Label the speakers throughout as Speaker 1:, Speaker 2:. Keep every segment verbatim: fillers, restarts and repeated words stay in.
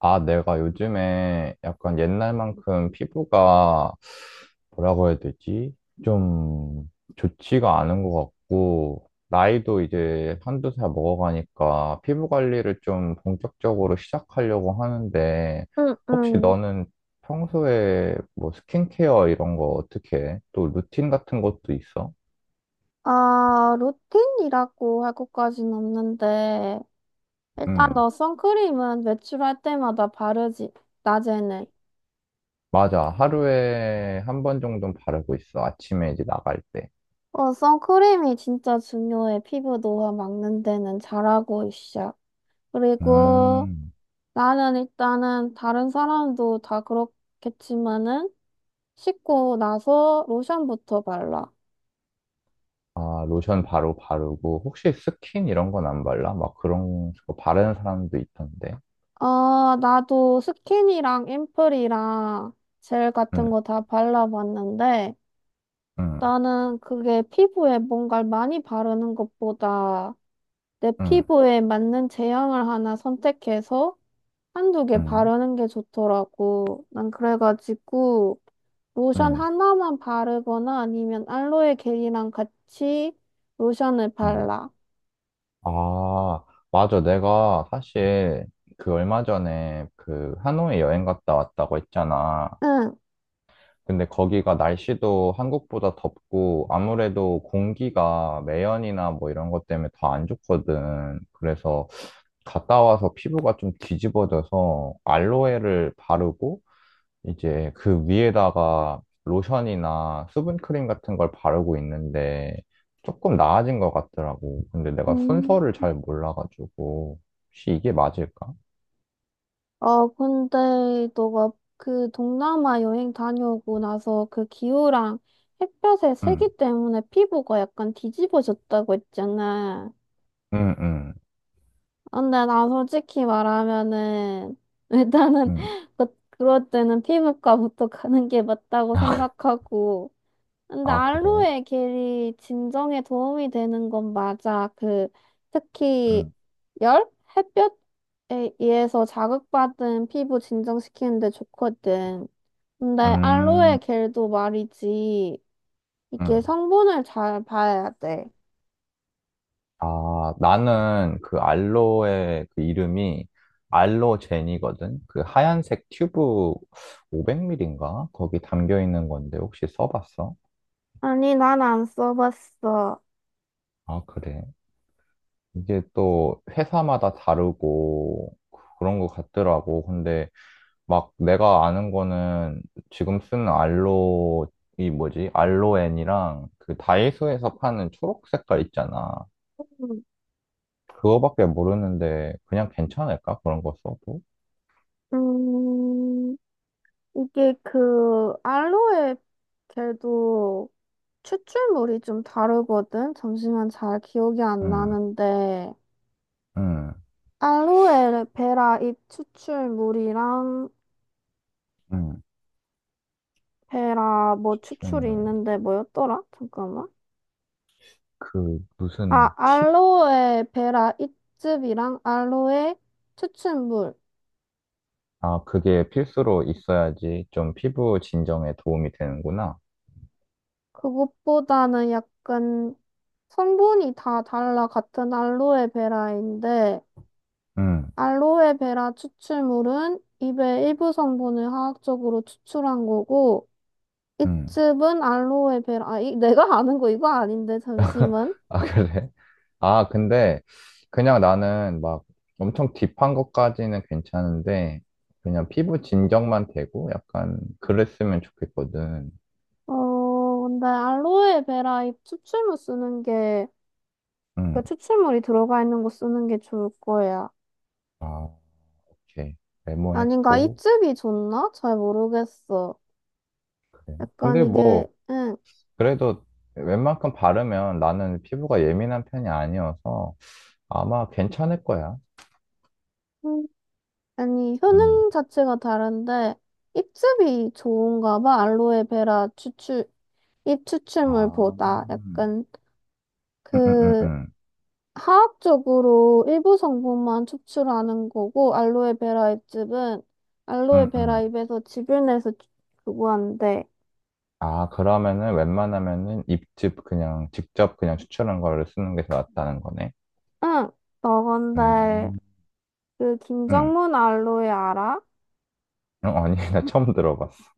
Speaker 1: 아, 내가 요즘에 약간 옛날만큼 피부가 뭐라고 해야 되지? 좀 좋지가 않은 것 같고, 나이도 이제 한두 살 먹어가니까 피부 관리를 좀 본격적으로 시작하려고 하는데,
Speaker 2: 응,
Speaker 1: 혹시
Speaker 2: 응.
Speaker 1: 너는 평소에 뭐 스킨케어 이런 거 어떻게 해? 또 루틴 같은 것도 있어?
Speaker 2: 아, 루틴이라고 할 것까진 없는데, 일단
Speaker 1: 응,
Speaker 2: 너 선크림은 외출할 때마다 바르지, 낮에는.
Speaker 1: 맞아. 하루에 한 번 정도는 바르고 있어. 아침에 이제 나갈 때.
Speaker 2: 어, 선크림이 진짜 중요해. 피부 노화 막는 데는 잘하고 있어. 그리고
Speaker 1: 음.
Speaker 2: 나는 일단은 다른 사람도 다 그렇겠지만은, 씻고 나서 로션부터 발라.
Speaker 1: 아, 로션 바로 바르고, 혹시 스킨 이런 건 안 발라? 막 그런 거 바르는 사람도 있던데.
Speaker 2: 어, 나도 스킨이랑 앰플이랑 젤
Speaker 1: 응,
Speaker 2: 같은 거 다 발라봤는데,
Speaker 1: 응,
Speaker 2: 나는 그게 피부에 뭔가를 많이 바르는 것보다 내
Speaker 1: 응,
Speaker 2: 피부에 맞는 제형을 하나 선택해서 한두 개
Speaker 1: 응,
Speaker 2: 바르는 게 좋더라고. 난 그래가지고 로션
Speaker 1: 응,
Speaker 2: 하나만 바르거나 아니면 알로에 겔이랑 같이 로션을
Speaker 1: 응.
Speaker 2: 발라.
Speaker 1: 아, 맞아. 내가 사실 그 얼마 전에 그 하노이 여행 갔다 왔다고 했잖아.
Speaker 2: 응.
Speaker 1: 근데 거기가 날씨도 한국보다 덥고, 아무래도 공기가 매연이나 뭐 이런 것 때문에 더 안 좋거든. 그래서 갔다 와서 피부가 좀 뒤집어져서 알로에를 바르고, 이제 그 위에다가 로션이나 수분크림 같은 걸 바르고 있는데 조금 나아진 것 같더라고. 근데 내가
Speaker 2: 음.
Speaker 1: 순서를 잘 몰라가지고 혹시 이게 맞을까?
Speaker 2: 어, 근데 너가 그 동남아 여행 다녀오고 나서 그 기후랑 햇볕의
Speaker 1: 응,
Speaker 2: 세기 때문에 피부가 약간 뒤집어졌다고 했잖아.
Speaker 1: 응, 응,
Speaker 2: 근데 나 솔직히 말하면은, 일단은,
Speaker 1: 응.
Speaker 2: 그, 그럴 때는 피부과부터 가는 게 맞다고 생각하고. 근데
Speaker 1: 아, 그래?
Speaker 2: 알로에 겔이 진정에 도움이 되는 건 맞아. 그, 특히,
Speaker 1: 응,
Speaker 2: 열? 햇볕에 의해서 자극받은 피부 진정시키는데 좋거든. 근데 알로에
Speaker 1: 음,
Speaker 2: 겔도 말이지, 이게
Speaker 1: 응.
Speaker 2: 성분을 잘 봐야 돼.
Speaker 1: 아, 나는 그 알로에 그 이름이 알로제니거든? 그 하얀색 튜브 오백 밀리리터인가? 거기 담겨 있는 건데 혹시 써봤어?
Speaker 2: 아니, 난 안 써봤어.
Speaker 1: 아, 그래? 이게 또 회사마다 다르고 그런 것 같더라고. 근데 막 내가 아는 거는 지금 쓰는 알로, 이 뭐지? 알로엔이랑 그 다이소에서 파는 초록 색깔 있잖아.
Speaker 2: 음.
Speaker 1: 그거밖에 모르는데 그냥 괜찮을까? 그런 거 써도?
Speaker 2: 음. 이게 그 알로에 겔도 추출물이 좀 다르거든. 잠시만 잘 기억이 안
Speaker 1: 응,
Speaker 2: 나는데
Speaker 1: 응,
Speaker 2: 알로에 베라 잎 추출물이랑
Speaker 1: 응.
Speaker 2: 베라 뭐 추출이
Speaker 1: 질문.
Speaker 2: 있는데 뭐였더라? 잠깐만.
Speaker 1: 그
Speaker 2: 아,
Speaker 1: 무슨 팁?
Speaker 2: 알로에 베라 잎즙이랑 알로에 추출물.
Speaker 1: 아, 그게 필수로 있어야지 좀 피부 진정에 도움이 되는구나.
Speaker 2: 그것보다는 약간 성분이 다 달라 같은 알로에 베라인데
Speaker 1: 응,
Speaker 2: 알로에베라 추출물은 잎의 일부 성분을 화학적으로 추출한 거고,
Speaker 1: 응.
Speaker 2: 잎즙은 알로에베라, 아, 이, 내가 아는 거 이거 아닌데, 잠시만.
Speaker 1: 아, 그래? 아, 근데 그냥 나는 막 엄청 딥한 것까지는 괜찮은데 그냥 피부 진정만 되고 약간 그랬으면 좋겠거든.
Speaker 2: 어, 근데 알로에베라 잎 추출물 쓰는 게, 그
Speaker 1: 응.
Speaker 2: 추출물이 들어가 있는 거 쓰는 게 좋을 거야.
Speaker 1: 아, 오케이.
Speaker 2: 아닌가?
Speaker 1: 메모했고.
Speaker 2: 잎즙이 좋나? 잘 모르겠어.
Speaker 1: 그래.
Speaker 2: 약간
Speaker 1: 근데
Speaker 2: 이게,
Speaker 1: 뭐
Speaker 2: 응,
Speaker 1: 그래도 웬만큼 바르면 나는 피부가 예민한 편이 아니어서 아마 괜찮을 거야.
Speaker 2: 음, 아니,
Speaker 1: 응.
Speaker 2: 효능 자체가 다른데, 잎즙이 좋은가 봐, 알로에베라 추출, 입
Speaker 1: 아.
Speaker 2: 추출물보다 약간
Speaker 1: 응, 응, 응,
Speaker 2: 그
Speaker 1: 응.
Speaker 2: 화학적으로 일부 성분만 추출하는 거고 알로에베라 잎즙은
Speaker 1: 응,
Speaker 2: 알로에베라
Speaker 1: 응.
Speaker 2: 잎에서 즙을 내서 주- 주고 한대.
Speaker 1: 아, 그러면은 웬만하면은 입즙 그냥 직접 그냥 추출한 거를 쓰는 게 더 낫다는 거네.
Speaker 2: 응, 너건데
Speaker 1: 음,
Speaker 2: 그
Speaker 1: 음.
Speaker 2: 김정문 알로에 알아?
Speaker 1: 어, 아니, 나 처음 들어봤어.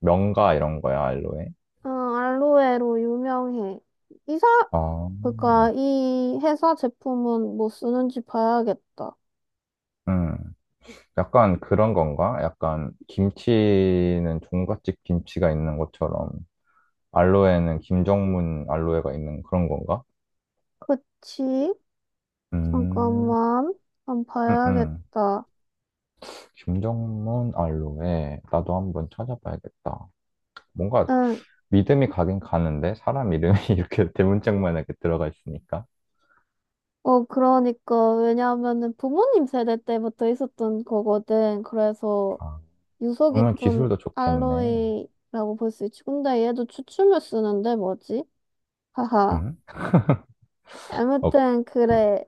Speaker 1: 명가 이런 거야, 알로에?
Speaker 2: 응, 알로에로 유명해. 이사
Speaker 1: 아,
Speaker 2: 그니까 이 회사 제품은 뭐 쓰는지 봐야겠다.
Speaker 1: 음. 약간 그런 건가? 약간 김치는 종갓집 김치가 있는 것처럼 알로에는 김정문 알로에가 있는 그런 건가?
Speaker 2: 그치?
Speaker 1: 음,
Speaker 2: 잠깐만, 한번
Speaker 1: 음, 음.
Speaker 2: 봐야겠다.
Speaker 1: 김정문 알로에. 나도 한번 찾아봐야겠다. 뭔가
Speaker 2: 응.
Speaker 1: 믿음이 가긴 가는데 사람 이름이 이렇게 대문짝만 이렇게 들어가 있으니까.
Speaker 2: 어, 그러니까, 왜냐하면은 부모님 세대 때부터 있었던 거거든. 그래서
Speaker 1: 아,
Speaker 2: 유서
Speaker 1: 그러면
Speaker 2: 깊은
Speaker 1: 기술도 좋겠네.
Speaker 2: 알로이라고 볼 수 있지. 근데 얘도 추춤을 쓰는데 뭐지? 하하.
Speaker 1: 응?
Speaker 2: 아무튼, 그래.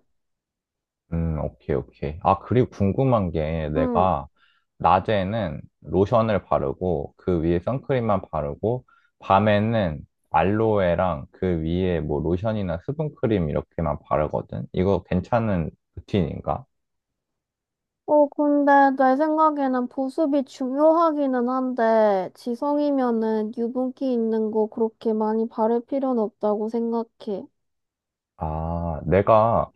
Speaker 1: 음, 오케이, 오케이. 아, 그리고 궁금한 게
Speaker 2: 응.
Speaker 1: 내가 낮에는 로션을 바르고 그 위에 선크림만 바르고 밤에는 알로에랑 그 위에 뭐 로션이나 수분크림 이렇게만 바르거든? 이거 괜찮은 루틴인가?
Speaker 2: 어, 근데 내 생각에는 보습이 중요하기는 한데, 지성이면은 유분기 있는 거 그렇게 많이 바를 필요는 없다고 생각해.
Speaker 1: 아, 내가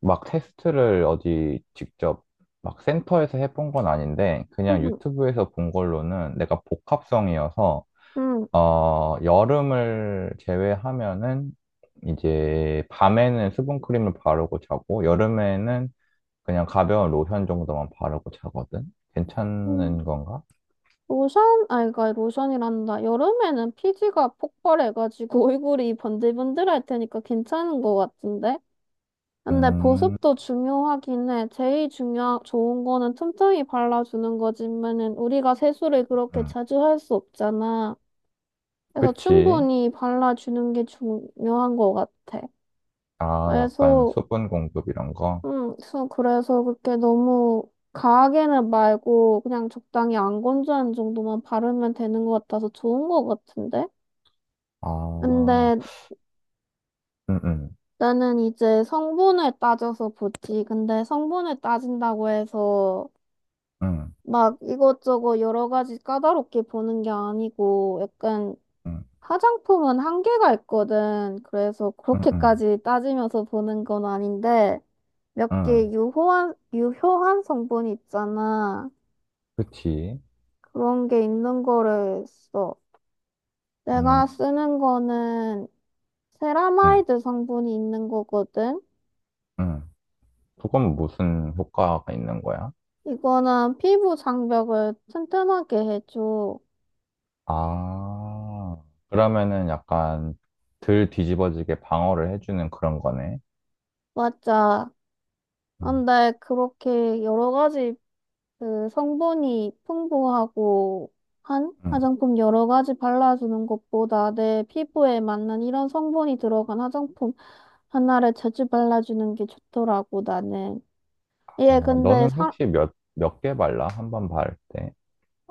Speaker 1: 막 테스트를 어디 직접 막 센터에서 해본 건 아닌데 그냥
Speaker 2: 응,
Speaker 1: 유튜브에서 본 걸로는 내가 복합성이어서
Speaker 2: 응.
Speaker 1: 어, 여름을 제외하면은 이제 밤에는 수분크림을 바르고 자고 여름에는 그냥 가벼운 로션 정도만 바르고 자거든.
Speaker 2: 응.
Speaker 1: 괜찮은 건가?
Speaker 2: 로션, 아, 그러니까 로션이란다. 여름에는 피지가 폭발해가지고 얼굴이 번들번들할 테니까 괜찮은 것 같은데? 근데
Speaker 1: 음,
Speaker 2: 보습도 중요하긴 해. 제일 중요, 좋은 거는 틈틈이 발라주는 거지만은 우리가 세수를 그렇게
Speaker 1: 음.
Speaker 2: 자주 할 수 없잖아. 그래서
Speaker 1: 그치.
Speaker 2: 충분히 발라주는 게 중요한 것 같아.
Speaker 1: 아, 약간
Speaker 2: 그래서,
Speaker 1: 수분 공급 이런 거.
Speaker 2: 음, 그래서 그래서 그렇게 너무 과하게는 말고 그냥 적당히 안 건조한 정도만 바르면 되는 것 같아서 좋은 것 같은데?
Speaker 1: 아,
Speaker 2: 근데
Speaker 1: 음, 음,
Speaker 2: 나는 이제 성분을 따져서 보지. 근데 성분을 따진다고 해서
Speaker 1: 음,
Speaker 2: 막 이것저것 여러 가지 까다롭게 보는 게 아니고 약간
Speaker 1: 음,
Speaker 2: 화장품은 한계가 있거든. 그래서
Speaker 1: 음, 음,
Speaker 2: 그렇게까지 따지면서 보는 건 아닌데 몇
Speaker 1: 음.
Speaker 2: 개 유효한, 유효한 성분이 있잖아.
Speaker 1: 그치.
Speaker 2: 그런 게 있는 거를 써. 내가
Speaker 1: 음,
Speaker 2: 쓰는 거는
Speaker 1: 음,
Speaker 2: 세라마이드 성분이 있는 거거든.
Speaker 1: 음. 그건 무슨 효과가 있는 거야?
Speaker 2: 이거는 피부 장벽을 튼튼하게 해줘.
Speaker 1: 아, 그러면은 약간 덜 뒤집어지게 방어를 해주는 그런 거네.
Speaker 2: 맞아.
Speaker 1: 음,
Speaker 2: 근데 그렇게 여러 가지 그 성분이 풍부하고 한
Speaker 1: 음.
Speaker 2: 화장품 여러 가지 발라주는 것보다 내 피부에 맞는 이런 성분이 들어간 화장품 하나를 자주 발라주는 게 좋더라고, 나는.
Speaker 1: 아,
Speaker 2: 얘 근데
Speaker 1: 너는
Speaker 2: 사,
Speaker 1: 혹시 몇, 몇 개 발라? 한 번 바를 때.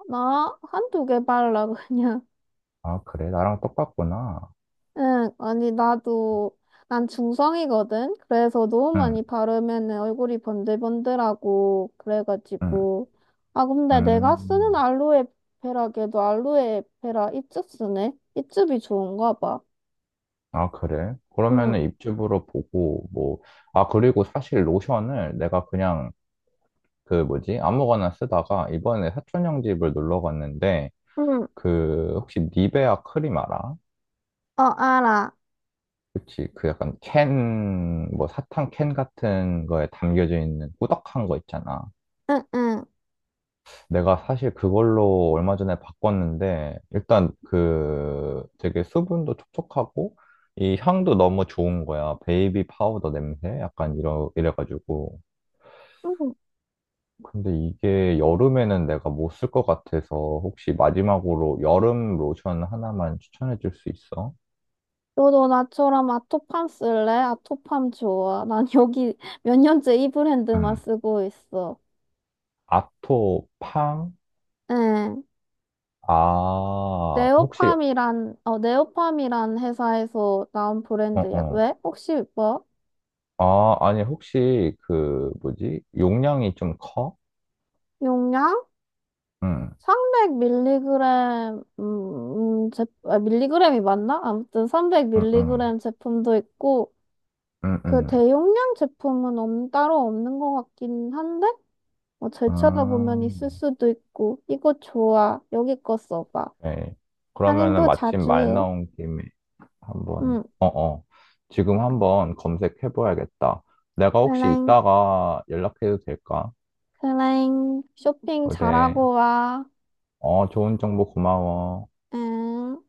Speaker 2: 나 한두 개 발라, 그냥.
Speaker 1: 아, 그래? 나랑 똑같구나.
Speaker 2: 응, 아니, 나도, 난 중성이거든? 그래서 너무
Speaker 1: 응,
Speaker 2: 많이 바르면은 얼굴이 번들번들하고,
Speaker 1: 응,
Speaker 2: 그래가지고. 아, 근데 내가 쓰는
Speaker 1: 음.
Speaker 2: 알로에 베라걔도 알로에 베라 잎즙 쓰네? 잎즙이 좋은가 봐.
Speaker 1: 아, 그래?
Speaker 2: 응,
Speaker 1: 그러면은 입주부로 보고, 뭐, 아, 그리고 사실 로션을 내가 그냥 그 뭐지? 아무거나 쓰다가 이번에 사촌 형 집을 놀러 갔는데,
Speaker 2: 응,
Speaker 1: 그, 혹시 니베아 크림 알아?
Speaker 2: 어, 알아.
Speaker 1: 그치. 그 약간 캔, 뭐 사탕 캔 같은 거에 담겨져 있는 꾸덕한 거 있잖아.
Speaker 2: 응, 응.
Speaker 1: 내가 사실 그걸로 얼마 전에 바꿨는데, 일단 그 되게 수분도 촉촉하고, 이 향도 너무 좋은 거야. 베이비 파우더 냄새? 약간 이러, 이래가지고.
Speaker 2: 응.
Speaker 1: 근데 이게 여름에는 내가 못 쓸 것 같아서 혹시 마지막으로 여름 로션 하나만 추천해 줄 수 있어?
Speaker 2: 너도 나처럼 아토팜 쓸래? 아토팜 좋아. 난 여기 몇 년째 이 브랜드만
Speaker 1: 응.
Speaker 2: 쓰고 있어.
Speaker 1: 아토팡?
Speaker 2: 응.
Speaker 1: 아, 혹시,
Speaker 2: 네오팜이란, 어, 네오팜이란 회사에서 나온
Speaker 1: 어,
Speaker 2: 브랜드야.
Speaker 1: 어.
Speaker 2: 왜? 혹시 뭐?
Speaker 1: 아, 아니, 혹시, 그, 뭐지? 용량이 좀 커?
Speaker 2: 용량?
Speaker 1: 응,
Speaker 2: 삼백 밀리그램, 음, 음, 제, 아, 밀리그램이 맞나? 아무튼
Speaker 1: 응, 응,
Speaker 2: 삼백 밀리그램 제품도 있고,
Speaker 1: 응,
Speaker 2: 그
Speaker 1: 응.
Speaker 2: 대용량 제품은 없, 따로 없는 것 같긴 한데? 뭐, 잘
Speaker 1: 아,
Speaker 2: 찾아보면 있을 수도 있고, 이거 좋아. 여기 거 써봐.
Speaker 1: 네. 그러면은
Speaker 2: 할인도
Speaker 1: 마침
Speaker 2: 자주
Speaker 1: 말
Speaker 2: 해.
Speaker 1: 나온 김에 한번,
Speaker 2: 응,
Speaker 1: 어, 어. 지금 한번 검색해봐야겠다. 내가 혹시
Speaker 2: 클랭,
Speaker 1: 이따가 연락해도 될까?
Speaker 2: 클랭, 쇼핑
Speaker 1: 그래.
Speaker 2: 잘하고 와.
Speaker 1: 어, 좋은 정보 고마워.
Speaker 2: 응.